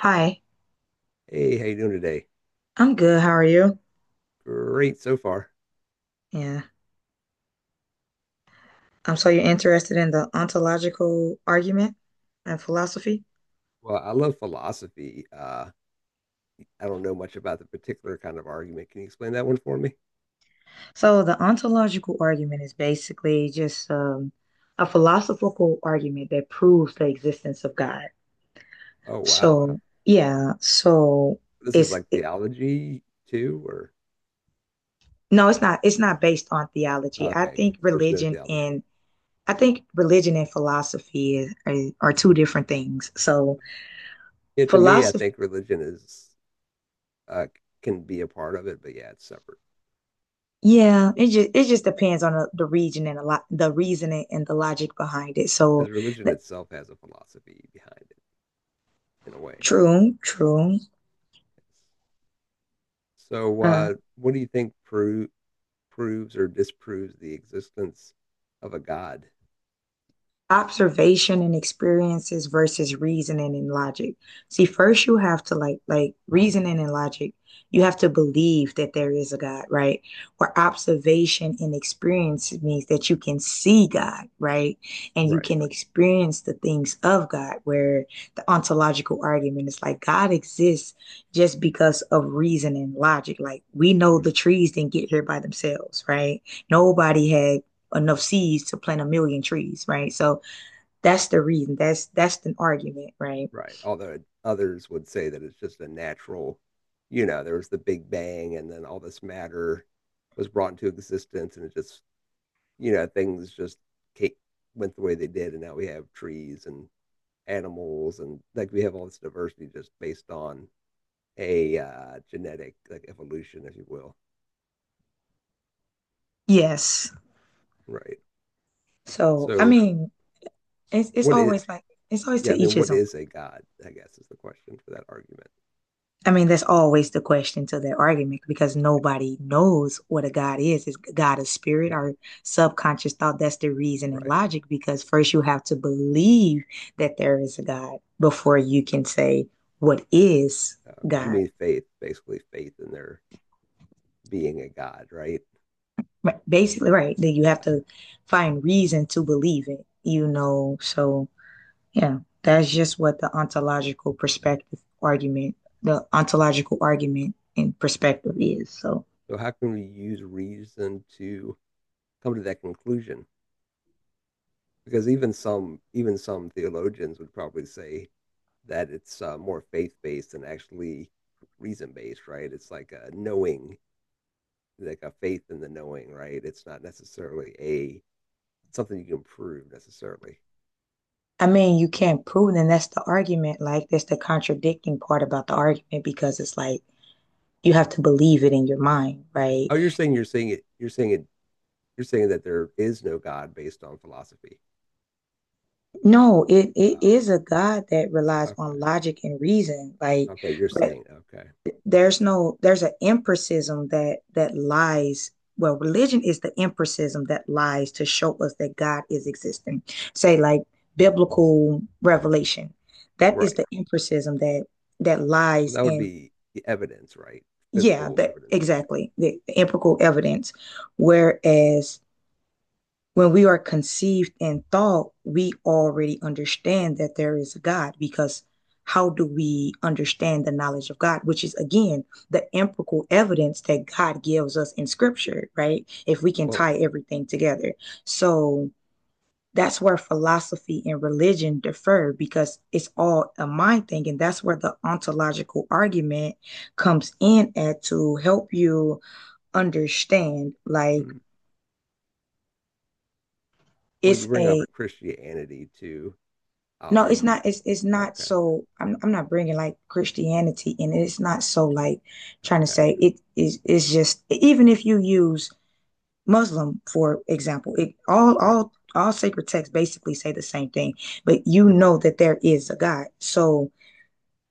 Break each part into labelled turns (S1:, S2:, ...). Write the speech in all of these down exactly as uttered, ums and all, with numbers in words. S1: Hi,
S2: Hey, how you doing today?
S1: I'm good. How are you?
S2: Great so far.
S1: Yeah. Um, so you're interested in the ontological argument and philosophy?
S2: Well, I love philosophy. Uh, I don't know much about the particular kind of argument. Can you explain that one for me?
S1: So the ontological argument is basically just um, a philosophical argument that proves the existence of God.
S2: Oh, wow.
S1: So yeah, so
S2: This is
S1: it's
S2: like
S1: it,
S2: theology too, or
S1: no, it's not. It's not based on theology. I
S2: okay,
S1: think
S2: there's no
S1: religion
S2: theology.
S1: and I think religion and philosophy is, are, are two different things. So
S2: Yeah, to me, I
S1: philosophy.
S2: think religion is uh, can be a part of it, but yeah, it's separate
S1: Yeah, it just it just depends on the, the region and a lot the reasoning and the logic behind it. So,
S2: because religion
S1: the,
S2: itself has a philosophy behind it in a way.
S1: true, true.
S2: So,
S1: Uh,
S2: uh, what do you think pro proves or disproves the existence of a God?
S1: Observation and experiences versus reasoning and logic. See, first you have to like like reasoning and logic. You have to believe that there is a God, right? Where observation and experience means that you can see God, right? And you
S2: Right.
S1: can experience the things of God, where the ontological argument is like God exists just because of reason and logic. Like we know
S2: Hmm.
S1: the trees didn't get here by themselves, right? Nobody had enough seeds to plant a million trees, right? So that's the reason. That's that's an argument, right?
S2: Right. Although others would say that it's just a natural, you know, there was the Big Bang and then all this matter was brought into existence and it just, you know, things just ca- went the way they did. And now we have trees and animals, and like we have all this diversity just based on a uh, genetic like evolution, if you will.
S1: Yes.
S2: Right.
S1: So I
S2: So
S1: mean, it's it's
S2: what is,
S1: always like it's always
S2: yeah,
S1: to
S2: I
S1: each
S2: mean,
S1: his
S2: what
S1: own.
S2: is a god? I guess is the question for that argument.
S1: I mean, that's always the question to that argument because
S2: Right.
S1: nobody knows what a God is. Is God a spirit
S2: Yeah.
S1: or subconscious thought? That's the reason and
S2: Right.
S1: logic because first you have to believe that there is a God before you can say what is
S2: Okay, you
S1: God.
S2: mean faith, basically faith in their being a god, right?
S1: Right. Basically, right? That you have
S2: Yeah.
S1: to find reason to believe it. You know, so yeah, that's just what the ontological perspective argument, the ontological argument and perspective is. So,
S2: So how can we use reason to come to that conclusion? Because even some even some theologians would probably say that it's uh, more faith based than actually reason based, right? It's like a knowing, like a faith in the knowing, right? It's not necessarily a something you can prove necessarily.
S1: I mean, you can't prove, it, and that's the argument. Like, that's the contradicting part about the argument because it's like you have to believe it in your mind, right?
S2: Oh, you're saying you're saying it. You're saying it. You're saying that there is no God based on philosophy.
S1: No, it, it
S2: Oh,
S1: is a God that relies on
S2: okay.
S1: logic and reason. Like,
S2: Okay. You're saying Okay.
S1: there's no there's an empiricism that that lies, well, religion is the empiricism that lies to show us that God is existing, say like biblical revelation. That is
S2: Right.
S1: the empiricism that that
S2: Well,
S1: lies
S2: that would
S1: in,
S2: be the evidence, right?
S1: yeah,
S2: Physical
S1: that
S2: evidence in a way,
S1: exactly the, the empirical evidence, whereas when we are conceived in thought, we already understand that there is a God because how do we understand the knowledge of God, which is again the empirical evidence that God gives us in scripture, right? If we
S2: right?
S1: can
S2: Well,
S1: tie everything together. So that's where philosophy and religion differ because it's all a mind thing. And that's where the ontological argument comes in at to help you understand. Like
S2: hmm. Well, you
S1: it's
S2: bring up
S1: a,
S2: Christianity too. Um,
S1: no,
S2: are
S1: it's
S2: you
S1: not. It's it's not
S2: okay?
S1: so. I'm I'm not bringing like Christianity in it. It's not so like trying to
S2: Okay,
S1: say it is. It's just even if you use Muslim for example, it all
S2: right,
S1: all all sacred texts basically say the same thing. But you
S2: in a
S1: know
S2: way.
S1: that there is a God. So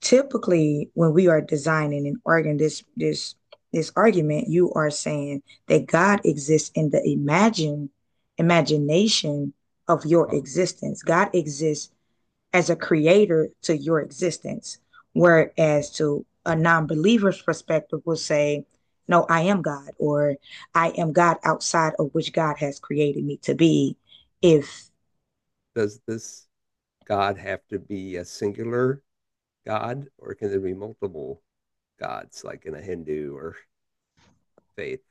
S1: typically, when we are designing and arguing this this this argument, you are saying that God exists in the imagine imagination of your
S2: Oh,
S1: existence. God exists as a creator to your existence. Whereas to a non believer's perspective, will say, no, I am God, or I am God outside of which God has created me to be. If,
S2: does this God have to be a singular God, or can there be multiple gods, like in a Hindu or faith?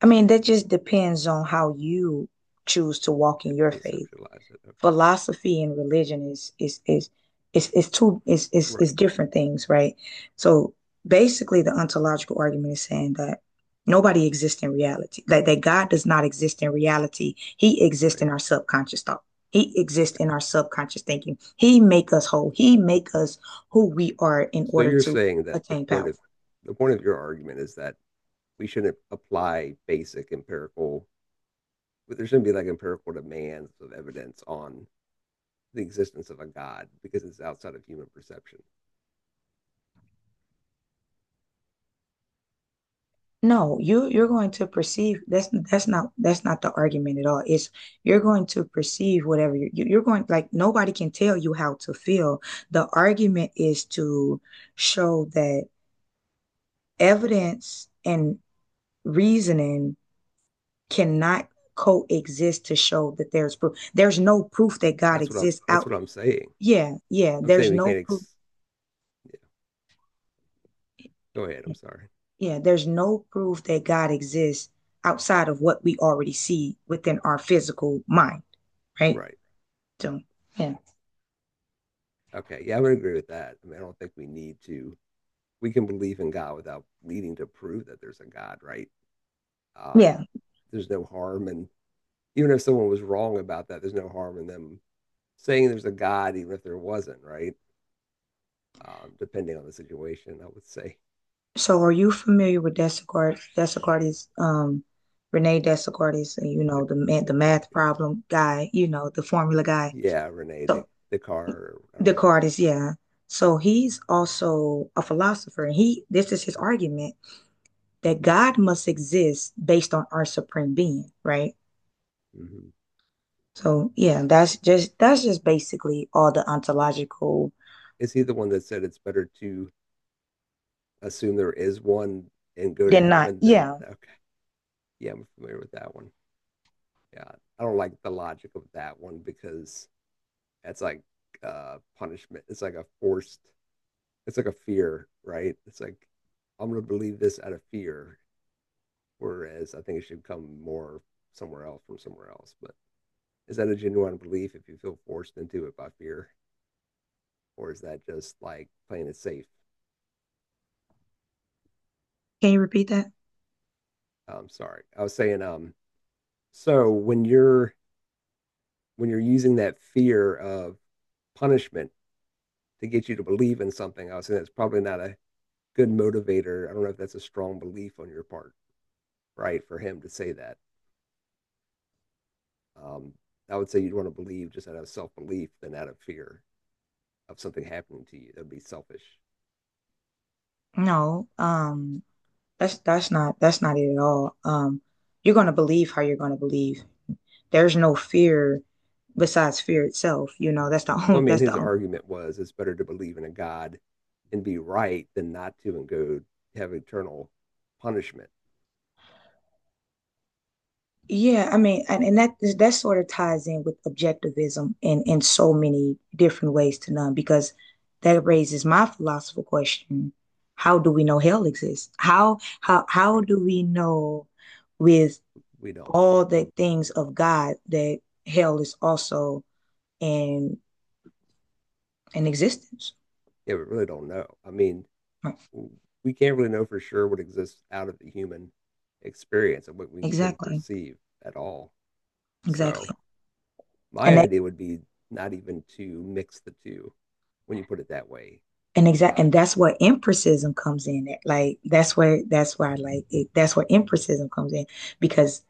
S1: I mean, that just depends on how you choose to walk in your faith.
S2: Conceptualize it. Okay,
S1: Philosophy and religion is is is is is two is is is
S2: right,
S1: different things, right? So basically the ontological argument is saying that nobody exists in reality. That that God does not exist in reality. He exists
S2: right,
S1: in our subconscious thought. He exists
S2: okay.
S1: in our subconscious thinking. He make us whole. He make us who we are in
S2: So
S1: order
S2: you're
S1: to
S2: saying that the
S1: attain
S2: point
S1: power.
S2: of the point of your argument is that we shouldn't apply basic empirical but there shouldn't be like empirical demands of evidence on the existence of a god because it's outside of human perception.
S1: No, you
S2: You
S1: you're
S2: know,
S1: going to perceive that's that's not that's not the argument at all. It's you're going to perceive whatever you you- you're going, like nobody can tell you how to feel. The argument is to show that evidence and reasoning cannot coexist to show that there's proof. There's no proof that God
S2: that's what I'm.
S1: exists
S2: That's
S1: out.
S2: what I'm saying.
S1: Yeah, yeah,
S2: I'm
S1: there's
S2: saying we
S1: no
S2: can't.
S1: proof.
S2: Ex- yeah, go ahead. I'm sorry.
S1: Yeah, there's no proof that God exists outside of what we already see within our physical mind, right?
S2: Right.
S1: So, yeah,
S2: Okay. Yeah, I would agree with that. I mean, I don't think we need to. We can believe in God without needing to prove that there's a God, right? Um,
S1: yeah.
S2: there's no harm, and even if someone was wrong about that, there's no harm in them saying there's a God, even if there wasn't, right? Um, depending on the situation, I would say.
S1: So, are you familiar with Descartes? Descartes, um, Rene Descartes,
S2: The,
S1: you know,
S2: the,
S1: the ma- the
S2: the,
S1: math
S2: yeah.
S1: problem guy, you know, the formula guy.
S2: Yeah, Rene, the
S1: So,
S2: the car. I don't know how to pronounce.
S1: Descartes, yeah. So he's also a philosopher, and he this is his
S2: It.
S1: argument that God must exist based on our supreme being, right?
S2: Yeah. Hmm.
S1: So, yeah, that's just that's just basically all the ontological.
S2: Is he the one that said it's better to assume there is one and go to
S1: Then not,
S2: heaven than
S1: yeah.
S2: okay? Yeah, I'm familiar with that one. Yeah, I don't like the logic of that one because that's like uh punishment. It's like a forced. It's like a fear, right? It's like I'm going to believe this out of fear, whereas I think it should come more somewhere else from somewhere else. But is that a genuine belief if you feel forced into it by fear? Or is that just like playing it safe?
S1: Can you repeat that?
S2: I'm sorry. I was saying, um, so when you're when you're using that fear of punishment to get you to believe in something, I was saying that's probably not a good motivator. I don't know if that's a strong belief on your part, right? For him to say that, um, I would say you'd want to believe just out of self belief than out of fear of something happening to you. That'd be selfish.
S1: No. Um. That's that's not that's not it at all. Um, you're gonna believe how you're gonna believe. There's no fear besides fear itself. You know, that's the only
S2: Well, I mean,
S1: that's
S2: his
S1: the only,
S2: argument was it's better to believe in a God and be right than not to and go have eternal punishment,
S1: yeah. I mean, and, and that that sort of ties in with objectivism in in so many different ways to none because that raises my philosophical question: how do we know hell exists? How how how
S2: right?
S1: do we know with
S2: We don't.
S1: all the things of God that hell is also in in existence?
S2: Yeah, we really don't know. I mean, we can't really know for sure what exists out of the human experience and what we can
S1: Exactly.
S2: perceive at all.
S1: Exactly.
S2: So
S1: And
S2: my
S1: that
S2: idea would be not even to mix the two when you put it that way.
S1: and exact
S2: Uh,
S1: and that's where empiricism comes in. Like that's where that's where I like it. That's where empiricism comes in because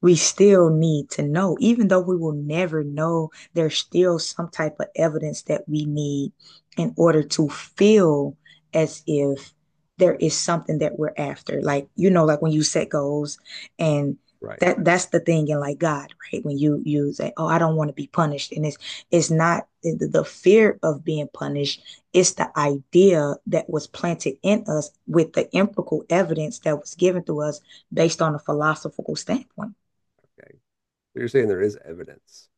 S1: we still need to know, even though we will never know, there's still some type of evidence that we need in order to feel as if there is something that we're after. Like, you know, like when you set goals and
S2: right.
S1: that that's the thing in like God, right? When you you say, oh, I don't want to be punished. And it's it's not the the fear of being punished, it's the idea that was planted in us with the empirical evidence that was given to us based on a philosophical standpoint.
S2: Okay. So you're saying there is evidence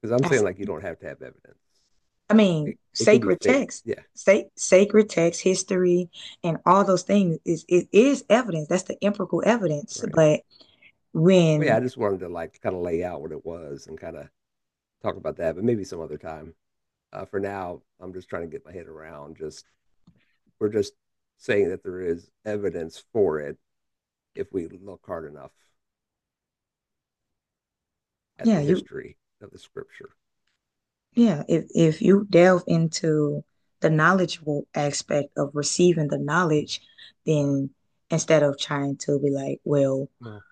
S2: because I'm saying
S1: That's,
S2: like you don't have to have evidence.
S1: I mean,
S2: It it can be
S1: sacred
S2: faith.
S1: text,
S2: Yeah.
S1: sa- sacred text, history, and all those things is it is evidence. That's the empirical evidence.
S2: Right.
S1: But
S2: Well, yeah.
S1: when
S2: I just wanted to like kind of lay out what it was and kind of talk about that, but maybe some other time. Uh, for now, I'm just trying to get my head around just we're just saying that there is evidence for it if we look hard enough at
S1: yeah,
S2: the
S1: you
S2: history of the scripture.
S1: yeah, if if you delve into the knowledgeable aspect of receiving the knowledge, then instead of trying to be like, well,
S2: Well,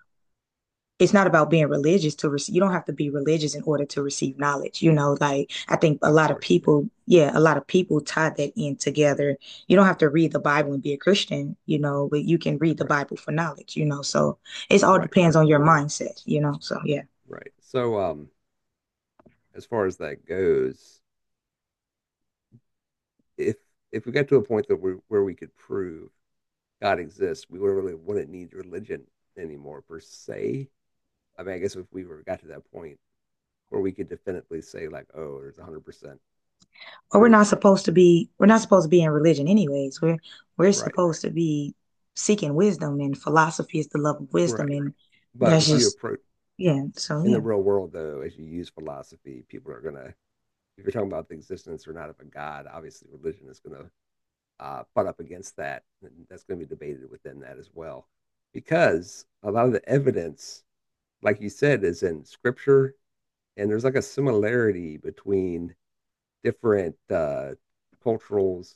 S1: it's not about being religious to receive, you don't have to be religious in order to receive knowledge, you know, like I think a
S2: of
S1: lot of
S2: course, yeah.
S1: people, yeah, a lot of people tie that in together. You don't have to read the Bible and be a Christian, you know, but you can read the
S2: Right.
S1: Bible for knowledge, you know, so it all
S2: Right.
S1: depends
S2: Or
S1: on your
S2: more
S1: mindset, you know, so yeah,
S2: right. So um as far as that goes, if if we got to a point that we where we could prove God exists, we would really wouldn't need religion anymore per se. I mean, I guess if we were got to that point where we could definitely say like, oh, there's a hundred percent
S1: or we're
S2: proof,
S1: not supposed to be, we're not supposed to be in religion anyways, we're we're
S2: right,
S1: supposed to be seeking wisdom, and philosophy is the love of wisdom,
S2: right.
S1: and
S2: But
S1: that's
S2: if you
S1: just
S2: approach
S1: yeah so
S2: in the
S1: yeah.
S2: real world, though, as you use philosophy, people are gonna. If you're talking about the existence or not of a god, obviously religion is gonna uh, butt up against that, and that's gonna be debated within that as well, because a lot of the evidence, like you said, is in scripture, and there's like a similarity between different uh, culturals,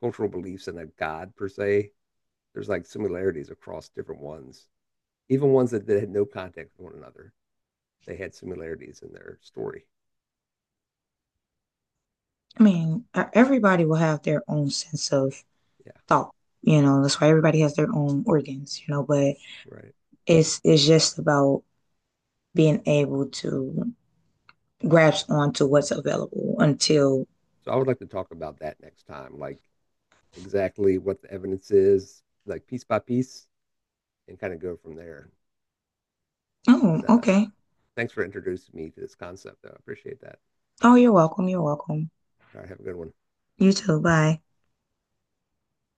S2: cultural beliefs, and a god per se. There's like similarities across different ones, even ones that, that had no contact with one another. They had similarities in their story.
S1: I mean, e-, everybody will have their own sense of
S2: Yeah.
S1: thought. You know, that's why everybody has their own organs, you know, but
S2: Right.
S1: it's it's just about being able to grasp onto what's available until,
S2: So I would like to talk about that next time, like exactly what the evidence is, like piece by piece, and kind of go from there.
S1: oh,
S2: But uh,
S1: okay.
S2: thanks for introducing me to this concept, though. I appreciate that.
S1: Oh, you're welcome. You're welcome.
S2: All right. Have a good one.
S1: You too. Bye.